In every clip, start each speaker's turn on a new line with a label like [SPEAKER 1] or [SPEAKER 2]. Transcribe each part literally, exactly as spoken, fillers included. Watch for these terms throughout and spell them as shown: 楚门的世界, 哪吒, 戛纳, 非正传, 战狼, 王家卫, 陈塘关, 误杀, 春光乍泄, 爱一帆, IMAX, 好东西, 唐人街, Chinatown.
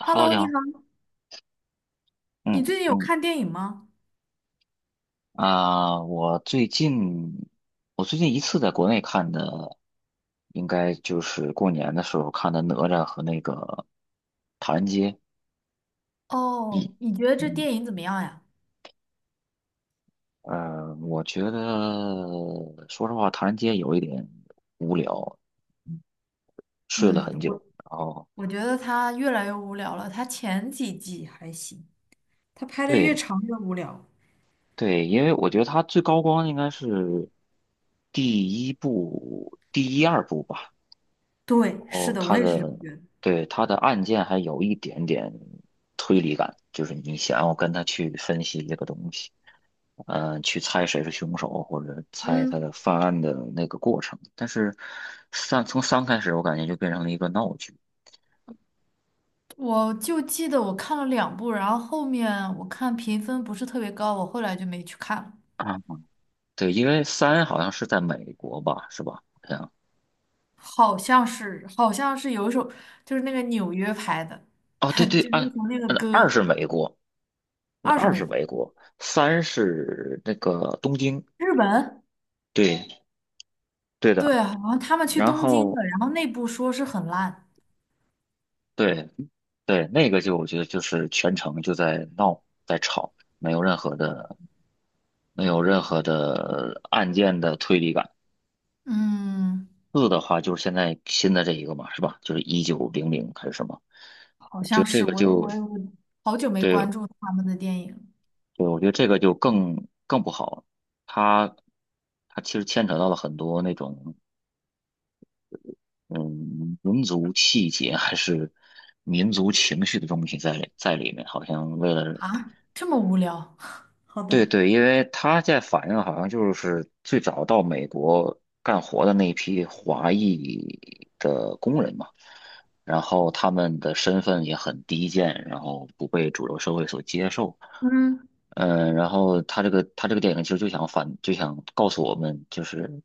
[SPEAKER 1] Hello，
[SPEAKER 2] Hello，
[SPEAKER 1] 你
[SPEAKER 2] 你好，
[SPEAKER 1] 好。
[SPEAKER 2] 你
[SPEAKER 1] 嗯
[SPEAKER 2] 最近有
[SPEAKER 1] 嗯。
[SPEAKER 2] 看电影吗？
[SPEAKER 1] 啊，我最近我最近一次在国内看的，应该就是过年的时候看的《哪吒》和那个《唐人街》。
[SPEAKER 2] 哦，你觉得这
[SPEAKER 1] 嗯。
[SPEAKER 2] 电影怎么样呀？
[SPEAKER 1] 呃，我觉得说实话，《唐人街》有一点无聊。嗯睡了
[SPEAKER 2] 嗯，
[SPEAKER 1] 很久。
[SPEAKER 2] 我
[SPEAKER 1] 然后。
[SPEAKER 2] 我觉得它越来越无聊了。它前几季还行，它拍的越
[SPEAKER 1] 对
[SPEAKER 2] 长越无聊。
[SPEAKER 1] 对，因为我觉得它最高光应该是第一部、第一二部吧。
[SPEAKER 2] 对，是
[SPEAKER 1] 哦，
[SPEAKER 2] 的，我
[SPEAKER 1] 他
[SPEAKER 2] 也是这么
[SPEAKER 1] 的，
[SPEAKER 2] 觉得。
[SPEAKER 1] 对，他的案件还有一点点推理感，就是你想要跟他去分析这个东西，嗯、去猜谁是凶手，或者猜他的
[SPEAKER 2] 嗯，
[SPEAKER 1] 犯案的那个过程。但是三从三开始，我感觉就变成了一个闹剧
[SPEAKER 2] 我就记得我看了两部，然后后面我看评分不是特别高，我后来就没去看了。
[SPEAKER 1] 啊。对，因为三好像是在美国吧，是吧？好像。
[SPEAKER 2] 好像是，好像是有一首，就是那个纽约拍的，
[SPEAKER 1] 哦，对 对，
[SPEAKER 2] 就
[SPEAKER 1] 二。
[SPEAKER 2] 那首那个
[SPEAKER 1] 嗯二
[SPEAKER 2] 歌，
[SPEAKER 1] 是美国，那
[SPEAKER 2] 二十
[SPEAKER 1] 二
[SPEAKER 2] 美
[SPEAKER 1] 是
[SPEAKER 2] 国，
[SPEAKER 1] 美国，三是那个东京，
[SPEAKER 2] 日本。
[SPEAKER 1] 对。对的。
[SPEAKER 2] 对，好像他们去
[SPEAKER 1] 然
[SPEAKER 2] 东京
[SPEAKER 1] 后。
[SPEAKER 2] 了，然后内部说是很烂。
[SPEAKER 1] 对，对，那个就我觉得就是全程就在闹，在吵，没有任何的没有任何的案件的推理感。
[SPEAKER 2] 嗯，
[SPEAKER 1] 四的话就是现在新的这一个嘛，是吧？就是一九零零还是什么？
[SPEAKER 2] 好
[SPEAKER 1] 我觉
[SPEAKER 2] 像
[SPEAKER 1] 得这
[SPEAKER 2] 是
[SPEAKER 1] 个
[SPEAKER 2] 我我
[SPEAKER 1] 就
[SPEAKER 2] 我好久没
[SPEAKER 1] 对
[SPEAKER 2] 关注他们的电影
[SPEAKER 1] 对，我觉得这个就更更不好。它它其实牵扯到了很多那种嗯民族气节还是民族情绪的东西在里在里面，好像为了。
[SPEAKER 2] 啊，这么无聊。好的，
[SPEAKER 1] 对对，因为他在反映好像就是最早到美国干活的那一批华裔的工人嘛，然后他们的身份也很低贱，然后不被主流社会所接受。
[SPEAKER 2] 嗯，
[SPEAKER 1] 嗯，然后他这个他这个电影其实就想反就想告诉我们，就是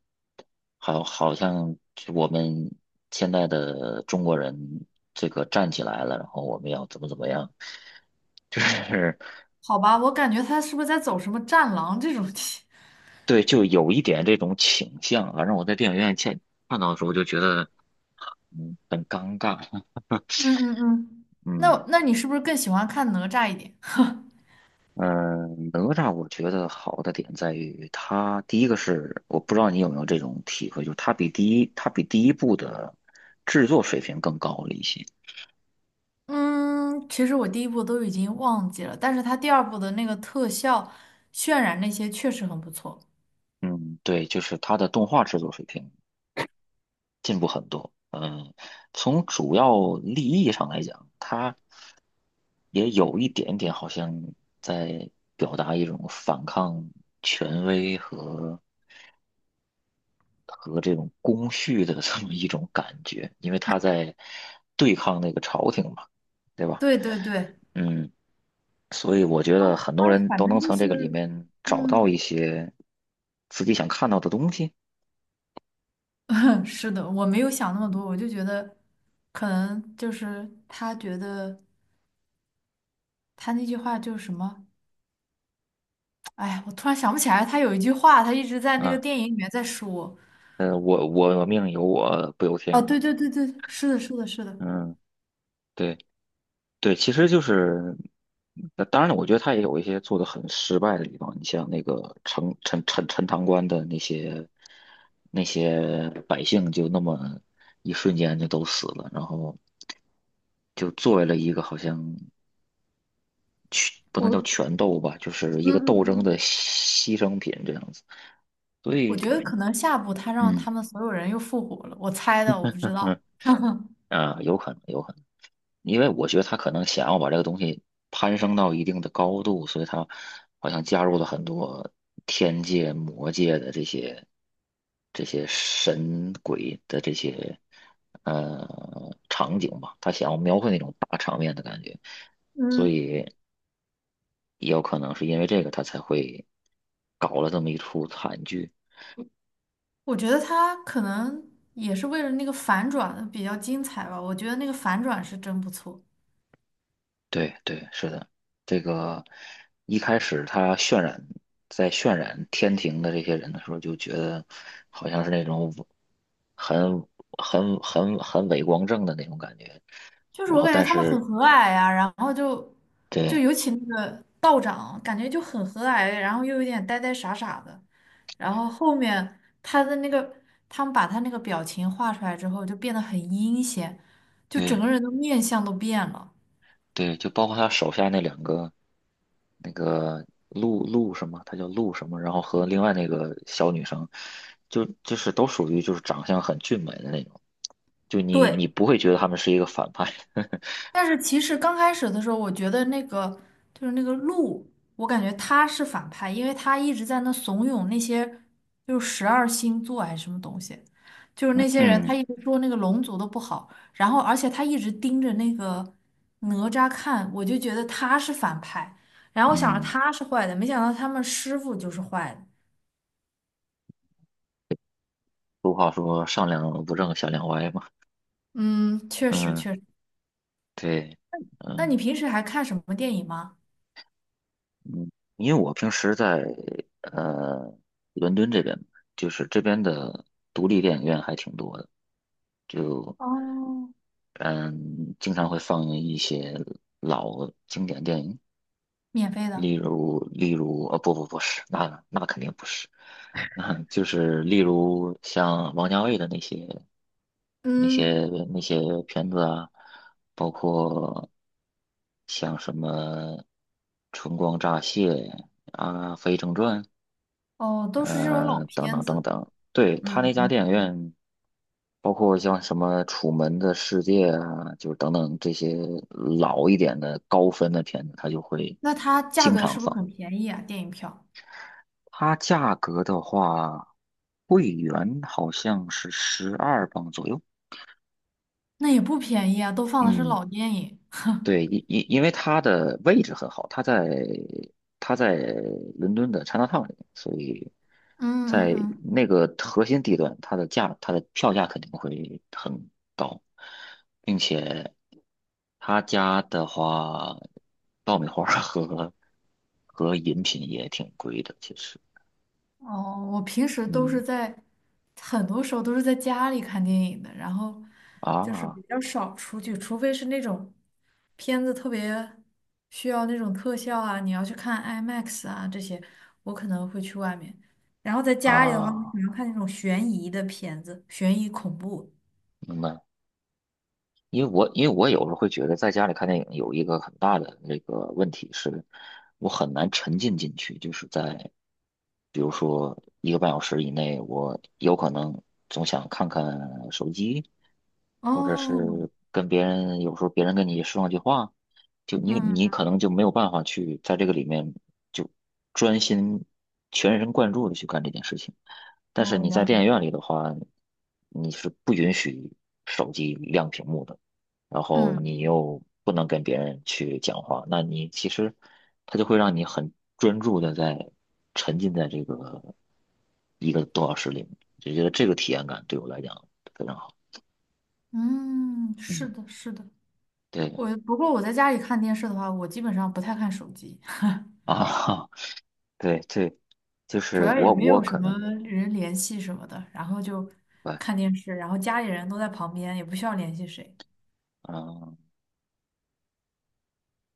[SPEAKER 1] 好好像就我们现在的中国人这个站起来了，然后我们要怎么怎么样。就是
[SPEAKER 2] 好吧，我感觉他是不是在走什么战狼这种题？
[SPEAKER 1] 对，就有一点这种倾向啊。反正我在电影院见看到的时候，就觉得嗯很尴尬。
[SPEAKER 2] 嗯嗯嗯，那
[SPEAKER 1] 嗯
[SPEAKER 2] 我那你是不是更喜欢看哪吒一点？
[SPEAKER 1] 嗯。哪吒我觉得好的点在于它，第一个是我不知道你有没有这种体会，就是它比第一它比第一部的制作水平更高了一些。
[SPEAKER 2] 嗯，其实我第一部都已经忘记了，但是他第二部的那个特效渲染那些确实很不错。
[SPEAKER 1] 嗯，对，就是它的动画制作水平进步很多。嗯，从主要立意上来讲，它。也有一点点好像在表达一种反抗权威和和这种公序的这么一种感觉，因为他在对抗那个朝廷嘛，对吧？
[SPEAKER 2] 对对对，
[SPEAKER 1] 嗯，所以我觉得很多
[SPEAKER 2] 他
[SPEAKER 1] 人
[SPEAKER 2] 反
[SPEAKER 1] 都
[SPEAKER 2] 正
[SPEAKER 1] 能
[SPEAKER 2] 就
[SPEAKER 1] 从这个里
[SPEAKER 2] 是，
[SPEAKER 1] 面找到
[SPEAKER 2] 嗯。
[SPEAKER 1] 一些自己想看到的东西。
[SPEAKER 2] 是的，我没有想那么多，
[SPEAKER 1] 嗯。
[SPEAKER 2] 我就觉得可能就是他觉得他那句话就是什么，哎呀，我突然想不起来，他有一句话，他一直在那个
[SPEAKER 1] 啊，
[SPEAKER 2] 电影里面在说。
[SPEAKER 1] 呃，我我命由我不由
[SPEAKER 2] 哦，
[SPEAKER 1] 天嘛。
[SPEAKER 2] 对对对对，是的，是的，是的，
[SPEAKER 1] 嗯，对。对，其实就是，那当然了，我觉得他也有一些做的很失败的地方。你像那个陈陈陈陈塘关的那些那些百姓，就那么一瞬间就都死了，然后就作为了一个好像不能叫
[SPEAKER 2] 我，
[SPEAKER 1] 权斗吧，就是一
[SPEAKER 2] 嗯
[SPEAKER 1] 个斗
[SPEAKER 2] 嗯
[SPEAKER 1] 争
[SPEAKER 2] 嗯，
[SPEAKER 1] 的牺牲品这样子。所
[SPEAKER 2] 我
[SPEAKER 1] 以。
[SPEAKER 2] 觉得可能下部他让
[SPEAKER 1] 嗯
[SPEAKER 2] 他们所有人又复活了，我猜的，我不
[SPEAKER 1] 嗯。
[SPEAKER 2] 知道。
[SPEAKER 1] 啊，有可能，有可能。因为我觉得他可能想要把这个东西攀升到一定的高度，所以他好像加入了很多天界、魔界的这些这些神鬼的这些呃场景吧，他想要描绘那种大场面的感觉，所
[SPEAKER 2] 嗯，
[SPEAKER 1] 以也有可能是因为这个他才会搞了这么一出惨剧。
[SPEAKER 2] 我觉得他可能也是为了那个反转比较精彩吧，我觉得那个反转是真不错。
[SPEAKER 1] 对对，是的，这个一开始他渲染在渲染天庭的这些人的时候，就觉得好像是那种很很很很伪光正的那种感觉。
[SPEAKER 2] 就是
[SPEAKER 1] 然
[SPEAKER 2] 我
[SPEAKER 1] 后，
[SPEAKER 2] 感觉
[SPEAKER 1] 但
[SPEAKER 2] 他们很
[SPEAKER 1] 是
[SPEAKER 2] 和蔼呀、然后就就
[SPEAKER 1] 对
[SPEAKER 2] 尤其那个道长，感觉就很和蔼，然后又有点呆呆傻傻的，然后后面他的那个，他们把他那个表情画出来之后，就变得很阴险，就整
[SPEAKER 1] 对
[SPEAKER 2] 个人的面相都变了。
[SPEAKER 1] 对，就包括他手下那两个那个陆陆什么，他叫陆什么，然后和另外那个小女生，就就是都属于就是长相很俊美的那种，就你你
[SPEAKER 2] 对。
[SPEAKER 1] 不会觉得他们是一个反派。
[SPEAKER 2] 但是其实刚开始的时候，我觉得那个就是那个鹿，我感觉他是反派，因为他一直在那怂恿那些就是十二星座还是什么东西，就是那些人，他
[SPEAKER 1] 嗯
[SPEAKER 2] 一直说那个龙族的不好，然后而且他一直盯着那个哪吒看，我就觉得他是反派，然后我想着
[SPEAKER 1] 嗯。
[SPEAKER 2] 他是坏的，没想到他们师傅就是坏的。
[SPEAKER 1] 俗话说上梁不正下梁歪嘛。
[SPEAKER 2] 嗯，确实
[SPEAKER 1] 嗯，
[SPEAKER 2] 确实。
[SPEAKER 1] 对。
[SPEAKER 2] 那你
[SPEAKER 1] 嗯，
[SPEAKER 2] 平时还看什么电影吗？
[SPEAKER 1] 因为我平时在呃伦敦这边，就是这边的独立电影院还挺多的，就
[SPEAKER 2] 哦，
[SPEAKER 1] 嗯经常会放映一些老经典电影，
[SPEAKER 2] 免费的？
[SPEAKER 1] 例如例如呃、不不不是，那那肯定不是，那就是例如像王家卫的那些。那
[SPEAKER 2] 嗯，
[SPEAKER 1] 些那些片子啊，包括像什么《春光乍泄》啊，《非正传》
[SPEAKER 2] 哦，都是这种老
[SPEAKER 1] 呃等
[SPEAKER 2] 片
[SPEAKER 1] 等等
[SPEAKER 2] 子。
[SPEAKER 1] 等。对，
[SPEAKER 2] 嗯
[SPEAKER 1] 他那家
[SPEAKER 2] 嗯，
[SPEAKER 1] 电影院，包括像什么《楚门的世界》啊，就是等等这些老一点的高分的片子，他就会
[SPEAKER 2] 那它价
[SPEAKER 1] 经
[SPEAKER 2] 格
[SPEAKER 1] 常
[SPEAKER 2] 是不是
[SPEAKER 1] 放。
[SPEAKER 2] 很便宜啊？电影票？
[SPEAKER 1] 它价格的话，会员好像是十二磅左右。
[SPEAKER 2] 那也不便宜啊，都放的是
[SPEAKER 1] 嗯，
[SPEAKER 2] 老电影。
[SPEAKER 1] 对，因因因为它的位置很好，它在它在伦敦的 Chinatown 里面，所以
[SPEAKER 2] 嗯嗯
[SPEAKER 1] 在
[SPEAKER 2] 嗯，
[SPEAKER 1] 那个核心地段，它的价它的票价肯定会很高，并且他家的话，爆米花儿和和饮品也挺贵的，其实。
[SPEAKER 2] 哦，我平时都是
[SPEAKER 1] 嗯
[SPEAKER 2] 在，很多时候都是在家里看电影的，然后就是
[SPEAKER 1] 啊
[SPEAKER 2] 比较少出去，除非是那种片子特别需要那种特效啊，你要去看 IMAX 啊这些，我可能会去外面。然后在家里的话，我可
[SPEAKER 1] 啊，
[SPEAKER 2] 能看那种悬疑的片子，悬疑恐怖。
[SPEAKER 1] 明白。因为我因为我有时候会觉得在家里看电影有一个很大的那个问题是，我很难沉浸进去，就是在比如说一个半小时以内，我有可能总想看看手机，或者
[SPEAKER 2] 哦，
[SPEAKER 1] 是跟别人有时候别人跟你说上句话，就你你可
[SPEAKER 2] 嗯，
[SPEAKER 1] 能就没有办法去在这个里面就专心全神贯注的去干这件事情。但是
[SPEAKER 2] 哦，
[SPEAKER 1] 你
[SPEAKER 2] 了
[SPEAKER 1] 在电影
[SPEAKER 2] 解。
[SPEAKER 1] 院里的话，你是不允许手机亮屏幕的。然后
[SPEAKER 2] 嗯。
[SPEAKER 1] 你又不能跟别人去讲话，那你其实它就会让你很专注的在沉浸在这个一个多小时里面，就觉得这个体验感对我来讲非常好。
[SPEAKER 2] 嗯，是
[SPEAKER 1] 嗯，
[SPEAKER 2] 的，是的。
[SPEAKER 1] 对
[SPEAKER 2] 我不过我在家里看电视的话，我基本上不太看手机，
[SPEAKER 1] 啊。对对，就
[SPEAKER 2] 主
[SPEAKER 1] 是
[SPEAKER 2] 要也
[SPEAKER 1] 我
[SPEAKER 2] 没
[SPEAKER 1] 我
[SPEAKER 2] 有什
[SPEAKER 1] 可能
[SPEAKER 2] 么人联系什么的，然后就
[SPEAKER 1] 对。
[SPEAKER 2] 看电视，然后家里人都在旁边，也不需要联系谁。
[SPEAKER 1] 嗯，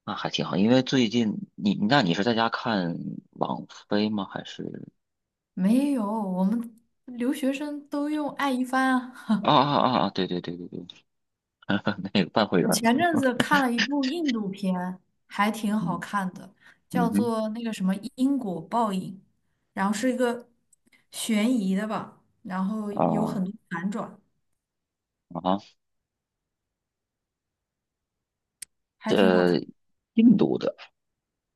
[SPEAKER 1] 那还挺好，因为最近你那你是在家看网飞吗？还是
[SPEAKER 2] 没有，我们留学生都用爱一帆啊。
[SPEAKER 1] 啊啊啊啊，对对对对对，那个办会 员。
[SPEAKER 2] 我前阵子看了一部印度片，还挺好
[SPEAKER 1] 嗯。
[SPEAKER 2] 看的，叫
[SPEAKER 1] 嗯哼。
[SPEAKER 2] 做那个什么因果报应，然后是一个悬疑的吧，然后有
[SPEAKER 1] 啊。
[SPEAKER 2] 很多反转，
[SPEAKER 1] 啊哈。
[SPEAKER 2] 还挺好
[SPEAKER 1] 这
[SPEAKER 2] 看。
[SPEAKER 1] 印度的。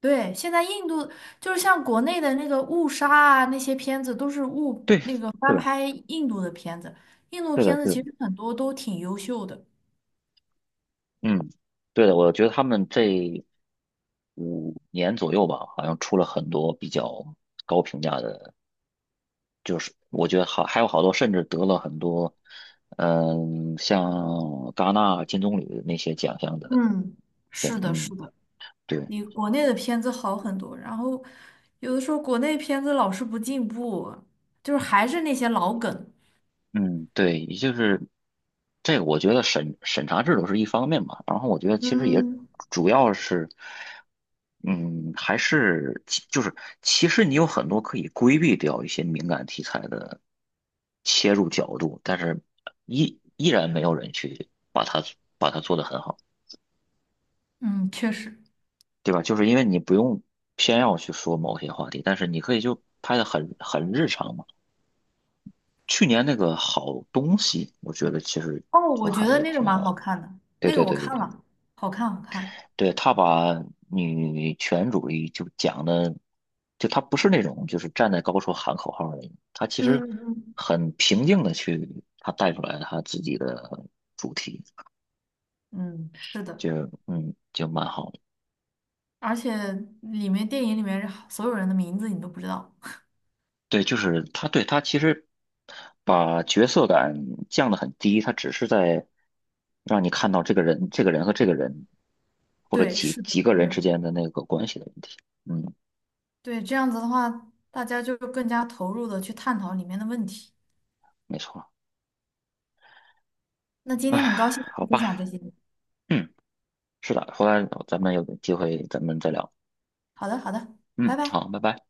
[SPEAKER 2] 对，现在印度就是像国内的那个误杀啊，那些片子都是误
[SPEAKER 1] 对，是
[SPEAKER 2] 那个翻
[SPEAKER 1] 的，
[SPEAKER 2] 拍印度的片子，印度
[SPEAKER 1] 对
[SPEAKER 2] 片
[SPEAKER 1] 的，
[SPEAKER 2] 子
[SPEAKER 1] 对的，
[SPEAKER 2] 其实很多都挺优秀的。
[SPEAKER 1] 嗯，对的，我觉得他们这五年左右吧，好像出了很多比较高评价的，我觉得好，还有好多甚至得了很多，嗯，像戛纳金棕榈那些奖项的
[SPEAKER 2] 嗯，
[SPEAKER 1] 片。
[SPEAKER 2] 是的，
[SPEAKER 1] 嗯，
[SPEAKER 2] 是的，
[SPEAKER 1] 对。
[SPEAKER 2] 比国内的片子好很多。然后有的时候国内片子老是不进步啊，就是还是那些老梗。
[SPEAKER 1] 嗯，对，也就是这个，我觉得审审查制度是一方面嘛，然后我觉得其实也
[SPEAKER 2] 嗯，
[SPEAKER 1] 主要是，嗯，还是其就是其实你有很多可以规避掉一些敏感题材的切入角度，但是依依然没有人去把它把它做得很好，
[SPEAKER 2] 嗯，确实。
[SPEAKER 1] 对吧？就是因为你不用偏要去说某些话题，但是你可以就拍得很很日常嘛。去年那个好东西，我觉得其实
[SPEAKER 2] 哦，
[SPEAKER 1] 就
[SPEAKER 2] 我觉得
[SPEAKER 1] 还
[SPEAKER 2] 那个
[SPEAKER 1] 挺
[SPEAKER 2] 蛮
[SPEAKER 1] 好
[SPEAKER 2] 好
[SPEAKER 1] 的。
[SPEAKER 2] 看的，
[SPEAKER 1] 对
[SPEAKER 2] 那个
[SPEAKER 1] 对
[SPEAKER 2] 我
[SPEAKER 1] 对对
[SPEAKER 2] 看
[SPEAKER 1] 对。
[SPEAKER 2] 了，好看，好看。
[SPEAKER 1] 对，他把女权主义就讲的，就他不是那种就是站在高处喊口号的那种，他其
[SPEAKER 2] 嗯
[SPEAKER 1] 实
[SPEAKER 2] 嗯，
[SPEAKER 1] 很平静的去他带出来他自己的主题，
[SPEAKER 2] 嗯，是的。
[SPEAKER 1] 就嗯就蛮好的。
[SPEAKER 2] 而且里面电影里面所有人的名字你都不知道。
[SPEAKER 1] 对，就是他对他其实把角色感降得很低，他只是在让你看到这个人、这个人和这个人或者
[SPEAKER 2] 对，
[SPEAKER 1] 几
[SPEAKER 2] 是的，
[SPEAKER 1] 几个
[SPEAKER 2] 是
[SPEAKER 1] 人
[SPEAKER 2] 的。
[SPEAKER 1] 之间的那个关系的问题。嗯，
[SPEAKER 2] 对，这样子的话，大家就更加投入的去探讨里面的问题。
[SPEAKER 1] 没错。
[SPEAKER 2] 那今
[SPEAKER 1] 唉，
[SPEAKER 2] 天很高兴跟
[SPEAKER 1] 好
[SPEAKER 2] 你分享这
[SPEAKER 1] 吧。
[SPEAKER 2] 些。
[SPEAKER 1] 嗯。是的，回来哦咱们有机会咱们再聊。
[SPEAKER 2] 好的，好的，拜
[SPEAKER 1] 嗯，
[SPEAKER 2] 拜。
[SPEAKER 1] 好，拜拜。